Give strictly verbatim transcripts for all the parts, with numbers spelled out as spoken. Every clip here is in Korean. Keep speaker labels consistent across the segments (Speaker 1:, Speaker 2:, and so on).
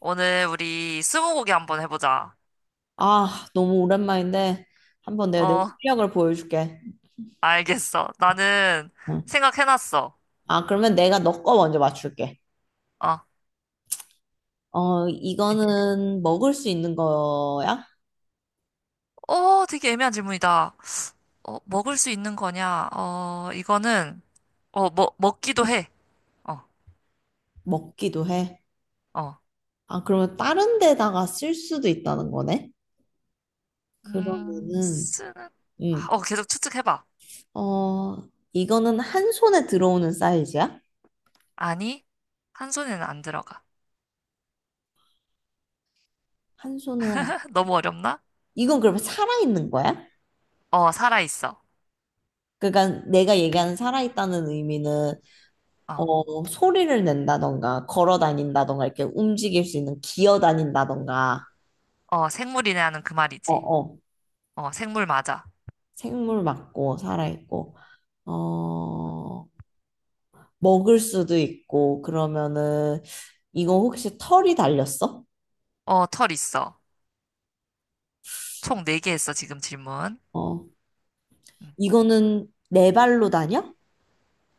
Speaker 1: 오늘 우리 스무고개 한번 해보자.
Speaker 2: 아, 너무 오랜만인데 한번 내가 내
Speaker 1: 어,
Speaker 2: 실력을 보여줄게.
Speaker 1: 알겠어. 나는
Speaker 2: 어.
Speaker 1: 생각해놨어.
Speaker 2: 아, 그러면 내가 너 거 먼저 맞출게.
Speaker 1: 어,
Speaker 2: 어, 이거는 먹을 수 있는 거야?
Speaker 1: 어, 되게 애매한 질문이다. 어, 먹을 수 있는 거냐? 어, 이거는, 어, 먹, 먹기도 해. 어,
Speaker 2: 먹기도 해.
Speaker 1: 어.
Speaker 2: 아, 그러면 다른 데다가 쓸 수도 있다는 거네?
Speaker 1: 음,
Speaker 2: 그러면은,
Speaker 1: 쓰는,
Speaker 2: 음,
Speaker 1: 어, 계속 추측해봐.
Speaker 2: 어, 이거는 한 손에 들어오는 사이즈야?
Speaker 1: 아니, 한 손에는 안 들어가.
Speaker 2: 한 손에,
Speaker 1: 너무 어렵나?
Speaker 2: 이건 그러면 살아있는 거야?
Speaker 1: 어, 살아있어.
Speaker 2: 그러니까 내가 얘기하는 살아있다는 의미는
Speaker 1: 어,
Speaker 2: 어, 소리를 낸다던가, 걸어 다닌다던가, 이렇게 움직일 수 있는, 기어 다닌다던가,
Speaker 1: 어, 생물이네 하는 그
Speaker 2: 어,
Speaker 1: 말이지.
Speaker 2: 어,
Speaker 1: 어, 생물 맞아.
Speaker 2: 생물 맞고, 살아있고, 어, 먹을 수도 있고, 그러면은, 이거 혹시 털이 달렸어?
Speaker 1: 어, 털 있어. 총 네 개 했어, 지금 질문.
Speaker 2: 어,
Speaker 1: 음.
Speaker 2: 이거는 네 발로 다녀?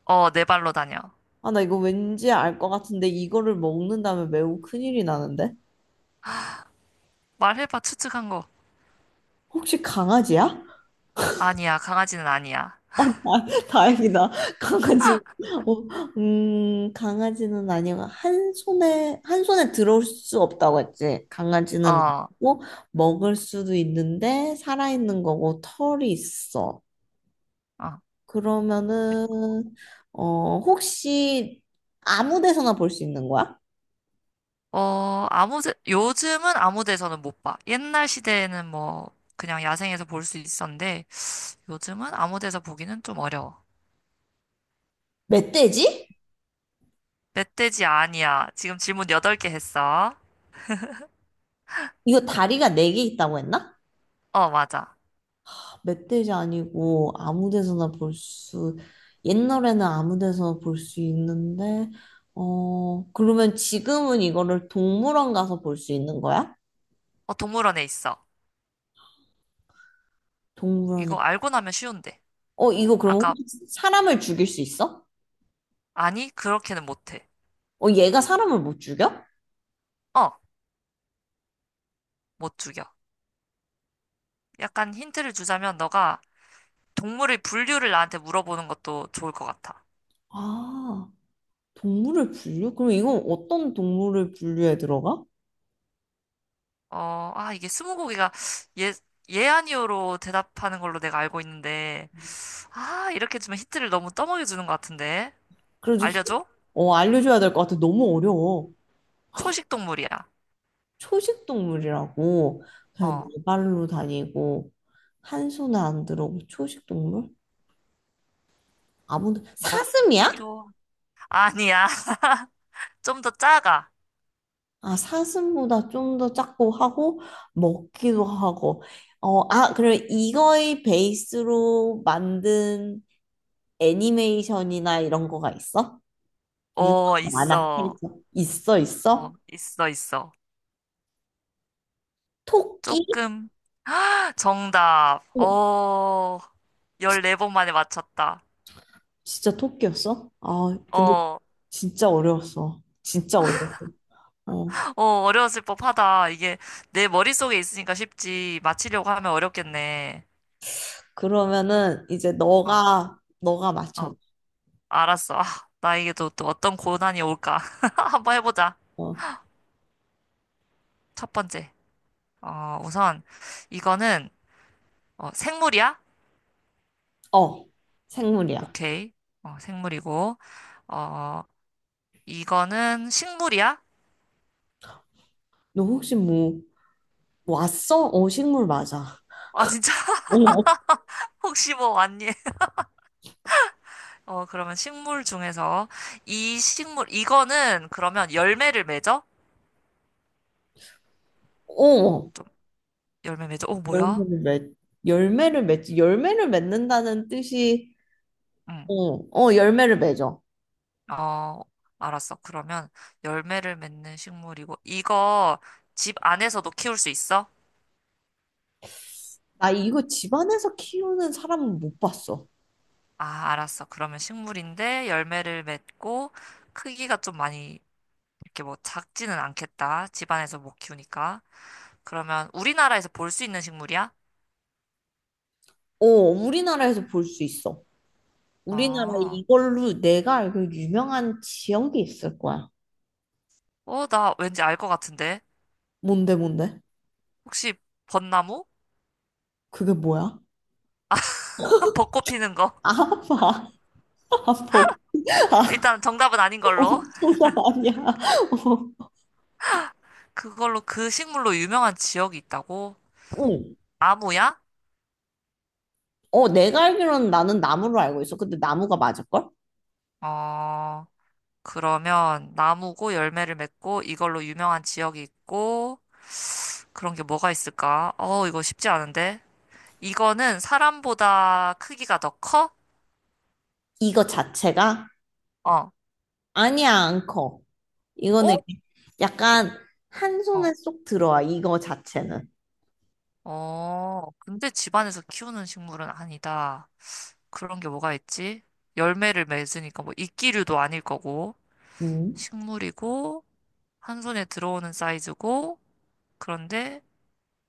Speaker 1: 어, 네 발로 다녀.
Speaker 2: 아, 나 이거 왠지 알 것 같은데, 이거를 먹는다면 매우 큰일이 나는데?
Speaker 1: 말해봐, 추측한 거.
Speaker 2: 혹시 강아지야?
Speaker 1: 아니야, 강아지는 아니야.
Speaker 2: 어. 다, 다행이다. 강아지는, 어, 음, 강아지는 아니고, 한 손에, 한 손에 들어올 수 없다고 했지. 강아지는
Speaker 1: 어,
Speaker 2: 없고, 먹을 수도 있는데, 살아있는 거고, 털이 있어.
Speaker 1: 어.
Speaker 2: 그러면은, 어, 혹시 아무 데서나 볼 수 있는 거야?
Speaker 1: 어, 아무, 데- 요즘은 아무 데서는 못 봐. 옛날 시대에는 뭐, 그냥 야생에서 볼 수 있었는데, 요즘은 아무 데서 보기는 좀 어려워.
Speaker 2: 멧돼지?
Speaker 1: 멧돼지 아니야. 지금 질문 여덟 개 했어.
Speaker 2: 이거 다리가 네 개 있다고 했나?
Speaker 1: 어, 맞아.
Speaker 2: 멧돼지 아니고 아무 데서나 볼 수, 옛날에는 아무 데서나 볼 수 있는데, 어, 그러면 지금은 이거를 동물원 가서 볼 수 있는 거야?
Speaker 1: 어, 동물원에 있어.
Speaker 2: 동물원에.
Speaker 1: 이거 알고 나면 쉬운데.
Speaker 2: 어, 이거 그러면
Speaker 1: 아까,
Speaker 2: 혹시 사람을 죽일 수 있어?
Speaker 1: 아니, 그렇게는 못해.
Speaker 2: 어, 얘가 사람을 못 죽여?
Speaker 1: 어, 못 죽여. 약간 힌트를 주자면, 너가 동물의 분류를 나한테 물어보는 것도 좋을 것 같아.
Speaker 2: 아, 동물을 분류? 그럼 이건 어떤 동물을 분류에 들어가?
Speaker 1: 어, 아, 이게 스무고개가 예, 예 아니오로 대답하는 걸로 내가 알고 있는데, 아, 이렇게 주면 힌트를 너무 떠먹여 주는 것 같은데.
Speaker 2: 그래도, 히-
Speaker 1: 알려줘?
Speaker 2: 어, 알려줘야 될 것 같아. 너무 어려워.
Speaker 1: 초식 동물이야.
Speaker 2: 초식 동물이라고 그냥
Speaker 1: 어,
Speaker 2: 네 발로 다니고 한 손에 안 들어오고 초식 동물? 아무도 사슴이야?
Speaker 1: 먹기도, 아니야. 좀 더 작아.
Speaker 2: 아, 사슴보다 좀 더 작고 하고 먹기도 하고. 어 아 그럼 이거의 베이스로 만든 애니메이션이나 이런 거가 있어? 유명한
Speaker 1: 어,
Speaker 2: 만화
Speaker 1: 있어.
Speaker 2: 캐릭터 있어
Speaker 1: 어,
Speaker 2: 있어?
Speaker 1: 있어, 있어.
Speaker 2: 토끼?
Speaker 1: 조금, 정답.
Speaker 2: 어.
Speaker 1: 어, 열네 번 만에 맞췄다.
Speaker 2: 진짜 토끼였어? 아, 근데
Speaker 1: 어,
Speaker 2: 진짜 어려웠어, 진짜 어려웠어. 어.
Speaker 1: 어, 어려웠을 법하다. 이게 내 머릿속에 있으니까 쉽지. 맞히려고 하면 어렵겠네.
Speaker 2: 그러면은 이제
Speaker 1: 어.
Speaker 2: 너가 너가
Speaker 1: 어.
Speaker 2: 맞춰.
Speaker 1: 알았어. 아, 나에게도 또 어떤 고난이 올까? 한번 해보자.
Speaker 2: 어,
Speaker 1: 첫 번째. 어, 우선, 이거는, 어, 생물이야?
Speaker 2: 어, 생물이야.
Speaker 1: 오케이. 어, 생물이고. 어, 이거는 식물이야?
Speaker 2: 너 혹시 뭐 뭐 왔어? 어, 식물 맞아.
Speaker 1: 아, 진짜?
Speaker 2: 어,
Speaker 1: 혹시 뭐 왔니? 어, 그러면 식물 중에서, 이 식물, 이거는 그러면 열매를 맺어?
Speaker 2: 어,
Speaker 1: 좀, 열매 맺어? 어, 뭐야?
Speaker 2: 열매를 맺. 열매를 맺지. 열매를 맺는다는 뜻이
Speaker 1: 응.
Speaker 2: 어, 어, 열매를 맺어.
Speaker 1: 어, 알았어. 그러면 열매를 맺는 식물이고, 이거 집 안에서도 키울 수 있어?
Speaker 2: 나 이거 집안에서 키우는 사람은 못 봤어.
Speaker 1: 아, 알았어. 그러면 식물인데 열매를 맺고 크기가 좀 많이 이렇게 뭐 작지는 않겠다. 집안에서 못 키우니까. 그러면 우리나라에서 볼 수 있는 식물이야?
Speaker 2: 어, 우리나라에서 볼 수 있어. 우리나라에
Speaker 1: 어,
Speaker 2: 이걸로 내가 알고 유명한 지역이 있을 거야.
Speaker 1: 어, 나 왠지 알 것 같은데.
Speaker 2: 뭔데, 뭔데?
Speaker 1: 혹시 벚나무?
Speaker 2: 그게 뭐야?
Speaker 1: 벚꽃 피는 거.
Speaker 2: 아파, 아파.
Speaker 1: 일단 정답은 아닌
Speaker 2: 어,
Speaker 1: 걸로.
Speaker 2: 장난 아니야. 어.
Speaker 1: 그걸로 그 식물로 유명한 지역이 있다고?
Speaker 2: 응.
Speaker 1: 나무야?
Speaker 2: 어, 내가 알기로는 나는 나무로 알고 있어. 근데 나무가 맞을걸?
Speaker 1: 어, 그러면 나무고 열매를 맺고 이걸로 유명한 지역이 있고 그런 게 뭐가 있을까? 어, 이거 쉽지 않은데. 이거는 사람보다 크기가 더 커?
Speaker 2: 이거 자체가?
Speaker 1: 어.
Speaker 2: 아니야, 안 커. 이거는
Speaker 1: 어?
Speaker 2: 이렇게 약간 한 손에
Speaker 1: 어.
Speaker 2: 쏙 들어와, 이거 자체는.
Speaker 1: 어. 근데 집안에서 키우는 식물은 아니다. 그런 게 뭐가 있지? 열매를 맺으니까 뭐 이끼류도 아닐 거고,
Speaker 2: 음.
Speaker 1: 식물이고, 한 손에 들어오는 사이즈고, 그런데,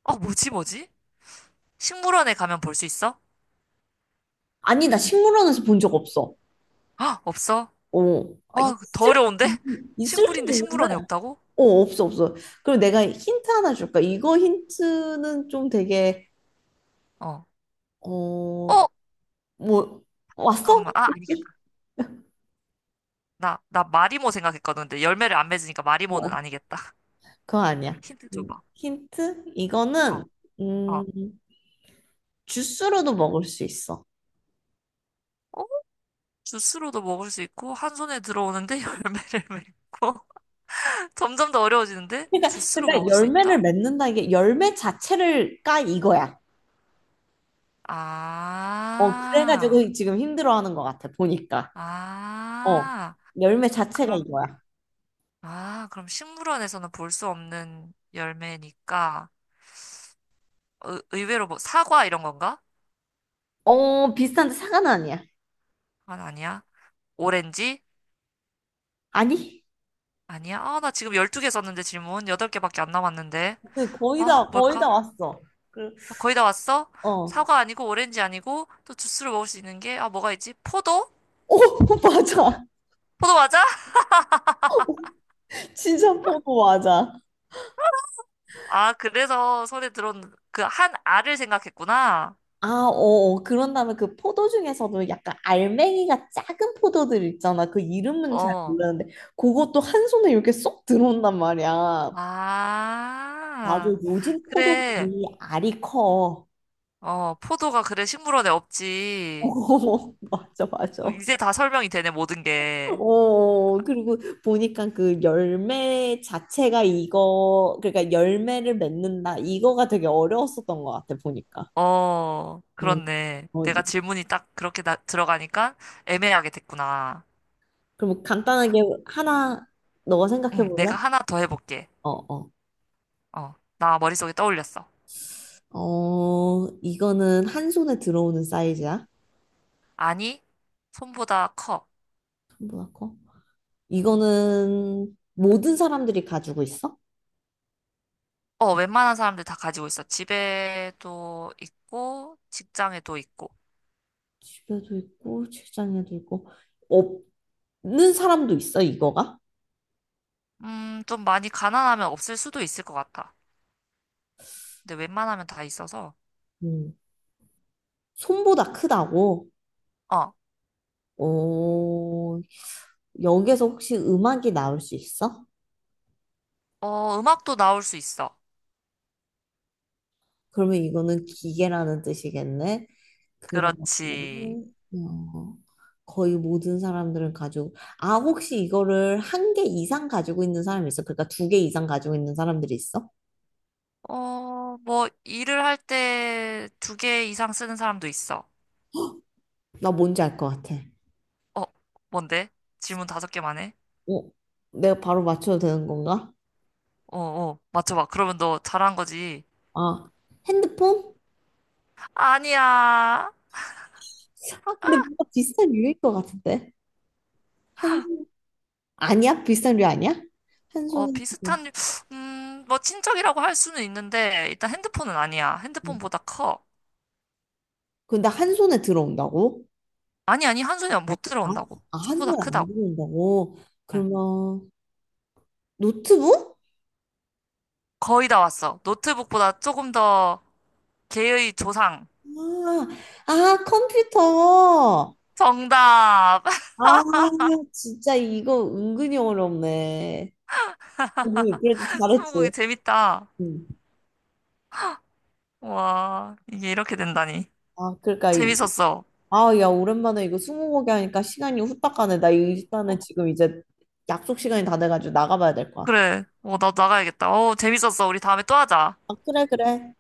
Speaker 1: 어, 뭐지, 뭐지? 식물원에 가면 볼 수 있어?
Speaker 2: 아니, 나 식물원에서 본 적 없어.
Speaker 1: 아, 없어?
Speaker 2: 어. 아,
Speaker 1: 어, 더
Speaker 2: 있을,
Speaker 1: 어려운데?
Speaker 2: 있을 수는
Speaker 1: 식물인데
Speaker 2: 있는데.
Speaker 1: 식물원에 없다고?
Speaker 2: 어, 없어, 없어. 그리고 내가 힌트 하나 줄까? 이거 힌트는 좀 되게,
Speaker 1: 어.
Speaker 2: 어,
Speaker 1: 어?
Speaker 2: 뭐, 왔어?
Speaker 1: 잠깐만. 아,
Speaker 2: 혹시?
Speaker 1: 아니겠다. 나, 나 마리모 생각했거든. 근데 열매를 안 맺으니까 마리모는
Speaker 2: 어.
Speaker 1: 아니겠다.
Speaker 2: 그거 아니야.
Speaker 1: 힌트
Speaker 2: 음,
Speaker 1: 줘봐.
Speaker 2: 힌트? 이거는
Speaker 1: 어, 어.
Speaker 2: 음, 주스로도 먹을 수 있어.
Speaker 1: 어? 주스로도 먹을 수 있고, 한 손에 들어오는데 열매를 맺고. 점점 더 어려워지는데? 주스로
Speaker 2: 그러니까
Speaker 1: 먹을 수
Speaker 2: 열매를
Speaker 1: 있다?
Speaker 2: 맺는다, 이게 열매 자체를 까 이거야. 어,
Speaker 1: 아,
Speaker 2: 그래가지고 지금 힘들어하는 것 같아 보니까. 어,
Speaker 1: 아.
Speaker 2: 열매 자체가
Speaker 1: 그럼,
Speaker 2: 이거야.
Speaker 1: 아, 그럼 식물원에서는 볼 수 없는 열매니까, 의, 의외로 뭐, 사과 이런 건가?
Speaker 2: 어, 비슷한데 사과는 아니야.
Speaker 1: 아, 아니야. 오렌지?
Speaker 2: 아니?
Speaker 1: 아니야. 아, 나 지금 열두 개 썼는데 질문. 여덟 개밖에 안 남았는데.
Speaker 2: 네, 거의
Speaker 1: 아,
Speaker 2: 다 거의 다
Speaker 1: 뭘까?
Speaker 2: 왔어. 그,
Speaker 1: 어, 거의 다 왔어?
Speaker 2: 어, 오,
Speaker 1: 사과 아니고 오렌지 아니고 또 주스로 먹을 수 있는 게, 아, 뭐가 있지? 포도?
Speaker 2: 맞아.
Speaker 1: 포도 맞아?
Speaker 2: 진짜 포도 맞아.
Speaker 1: 아, 그래서 손에 들어온 그 한 알을 생각했구나.
Speaker 2: 아, 어, 어. 그런 다음에 그 포도 중에서도 약간 알맹이가 작은 포도들 있잖아. 그 이름은 잘
Speaker 1: 어.
Speaker 2: 모르는데, 그것도 한 손에 이렇게 쏙 들어온단 말이야. 맞아,
Speaker 1: 아,
Speaker 2: 요즘
Speaker 1: 그래.
Speaker 2: 포도들이 알이 커.
Speaker 1: 어, 포도가 그래 식물원에 없지.
Speaker 2: 어, 맞아, 맞아.
Speaker 1: 이제 다 설명이 되네, 모든
Speaker 2: 어,
Speaker 1: 게.
Speaker 2: 어. 그리고 보니까 그 열매 자체가 이거, 그러니까 열매를 맺는다. 이거가 되게 어려웠었던 것 같아, 보니까.
Speaker 1: 어,
Speaker 2: 응.
Speaker 1: 그렇네.
Speaker 2: 어,
Speaker 1: 내가 질문이 딱 그렇게 나, 들어가니까 애매하게 됐구나.
Speaker 2: 그럼 간단하게 하나, 너가 생각해
Speaker 1: 응,
Speaker 2: 볼래?
Speaker 1: 내가 하나 더 해볼게.
Speaker 2: 어, 어.
Speaker 1: 어, 나 머릿속에 떠올렸어.
Speaker 2: 어, 이거는 한 손에 들어오는 사이즈야?
Speaker 1: 아니, 손보다 커.
Speaker 2: 손보다 커?
Speaker 1: 음.
Speaker 2: 이거는 모든 사람들이 가지고 있어?
Speaker 1: 어, 웬만한 사람들 다 가지고 있어. 집에도 있고, 직장에도 있고.
Speaker 2: 집에도 있고, 직장에도 있고, 없는 사람도 있어, 이거가?
Speaker 1: 음, 좀 많이 가난하면 없을 수도 있을 것 같아. 근데 웬만하면 다 있어서.
Speaker 2: 음, 손보다 크다고?
Speaker 1: 어,
Speaker 2: 어, 여기에서 혹시 음악이 나올 수 있어?
Speaker 1: 어, 음악도 나올 수 있어.
Speaker 2: 그러면 이거는 기계라는 뜻이겠네. 그러면
Speaker 1: 그렇지.
Speaker 2: 어, 거의 모든 사람들은 가지고 아, 혹시 이거를 한 개 이상 가지고 있는 사람이 있어? 그러니까 두 개 이상 가지고 있는 사람들이 있어?
Speaker 1: 어, 뭐, 일을 할 때 두 개 이상 쓰는 사람도 있어.
Speaker 2: 나 뭔지 알 것 같아.
Speaker 1: 어, 뭔데? 질문 다섯 개만 해?
Speaker 2: 어, 내가 바로 맞춰도 되는 건가?
Speaker 1: 어, 어, 맞춰봐. 그러면 너 잘한 거지.
Speaker 2: 아, 핸드폰?
Speaker 1: 아니야.
Speaker 2: 아, 근데 뭔가 비슷한 류일 것 같은데. 한 손, 아니야? 비슷한 류 아니야? 한
Speaker 1: 어,
Speaker 2: 손에 지금.
Speaker 1: 비슷한, 음, 뭐, 친척이라고 할 수는 있는데, 일단 핸드폰은 아니야. 핸드폰보다 커.
Speaker 2: 근데 한 손에 들어온다고?
Speaker 1: 아니, 아니, 한 손이 못
Speaker 2: 아,
Speaker 1: 들어온다고.
Speaker 2: 아, 한
Speaker 1: 손보다
Speaker 2: 손에 안
Speaker 1: 크다고.
Speaker 2: 들어온다고?
Speaker 1: 응.
Speaker 2: 그러면 노트북?
Speaker 1: 거의 다 왔어. 노트북보다 조금 더 개의 조상.
Speaker 2: 아, 아, 컴퓨터.
Speaker 1: 정답!
Speaker 2: 아, 진짜 이거 은근히 어렵네. 응, 그래도
Speaker 1: 스무고개
Speaker 2: 잘했지.
Speaker 1: 재밌다.
Speaker 2: 응.
Speaker 1: 와, 이게 이렇게 된다니.
Speaker 2: 아, 그러니까 이-
Speaker 1: 재밌었어.
Speaker 2: 아, 야, 오랜만에 이거 스무고개 하니까 시간이 후딱 가네. 나
Speaker 1: 어,
Speaker 2: 일단은 지금 이제 약속 시간이 다 돼가지고 나가봐야 될 것 같아.
Speaker 1: 그래. 어, 나도 나가야겠다. 어, 재밌었어. 우리 다음에 또 하자.
Speaker 2: 아, 그래, 그래.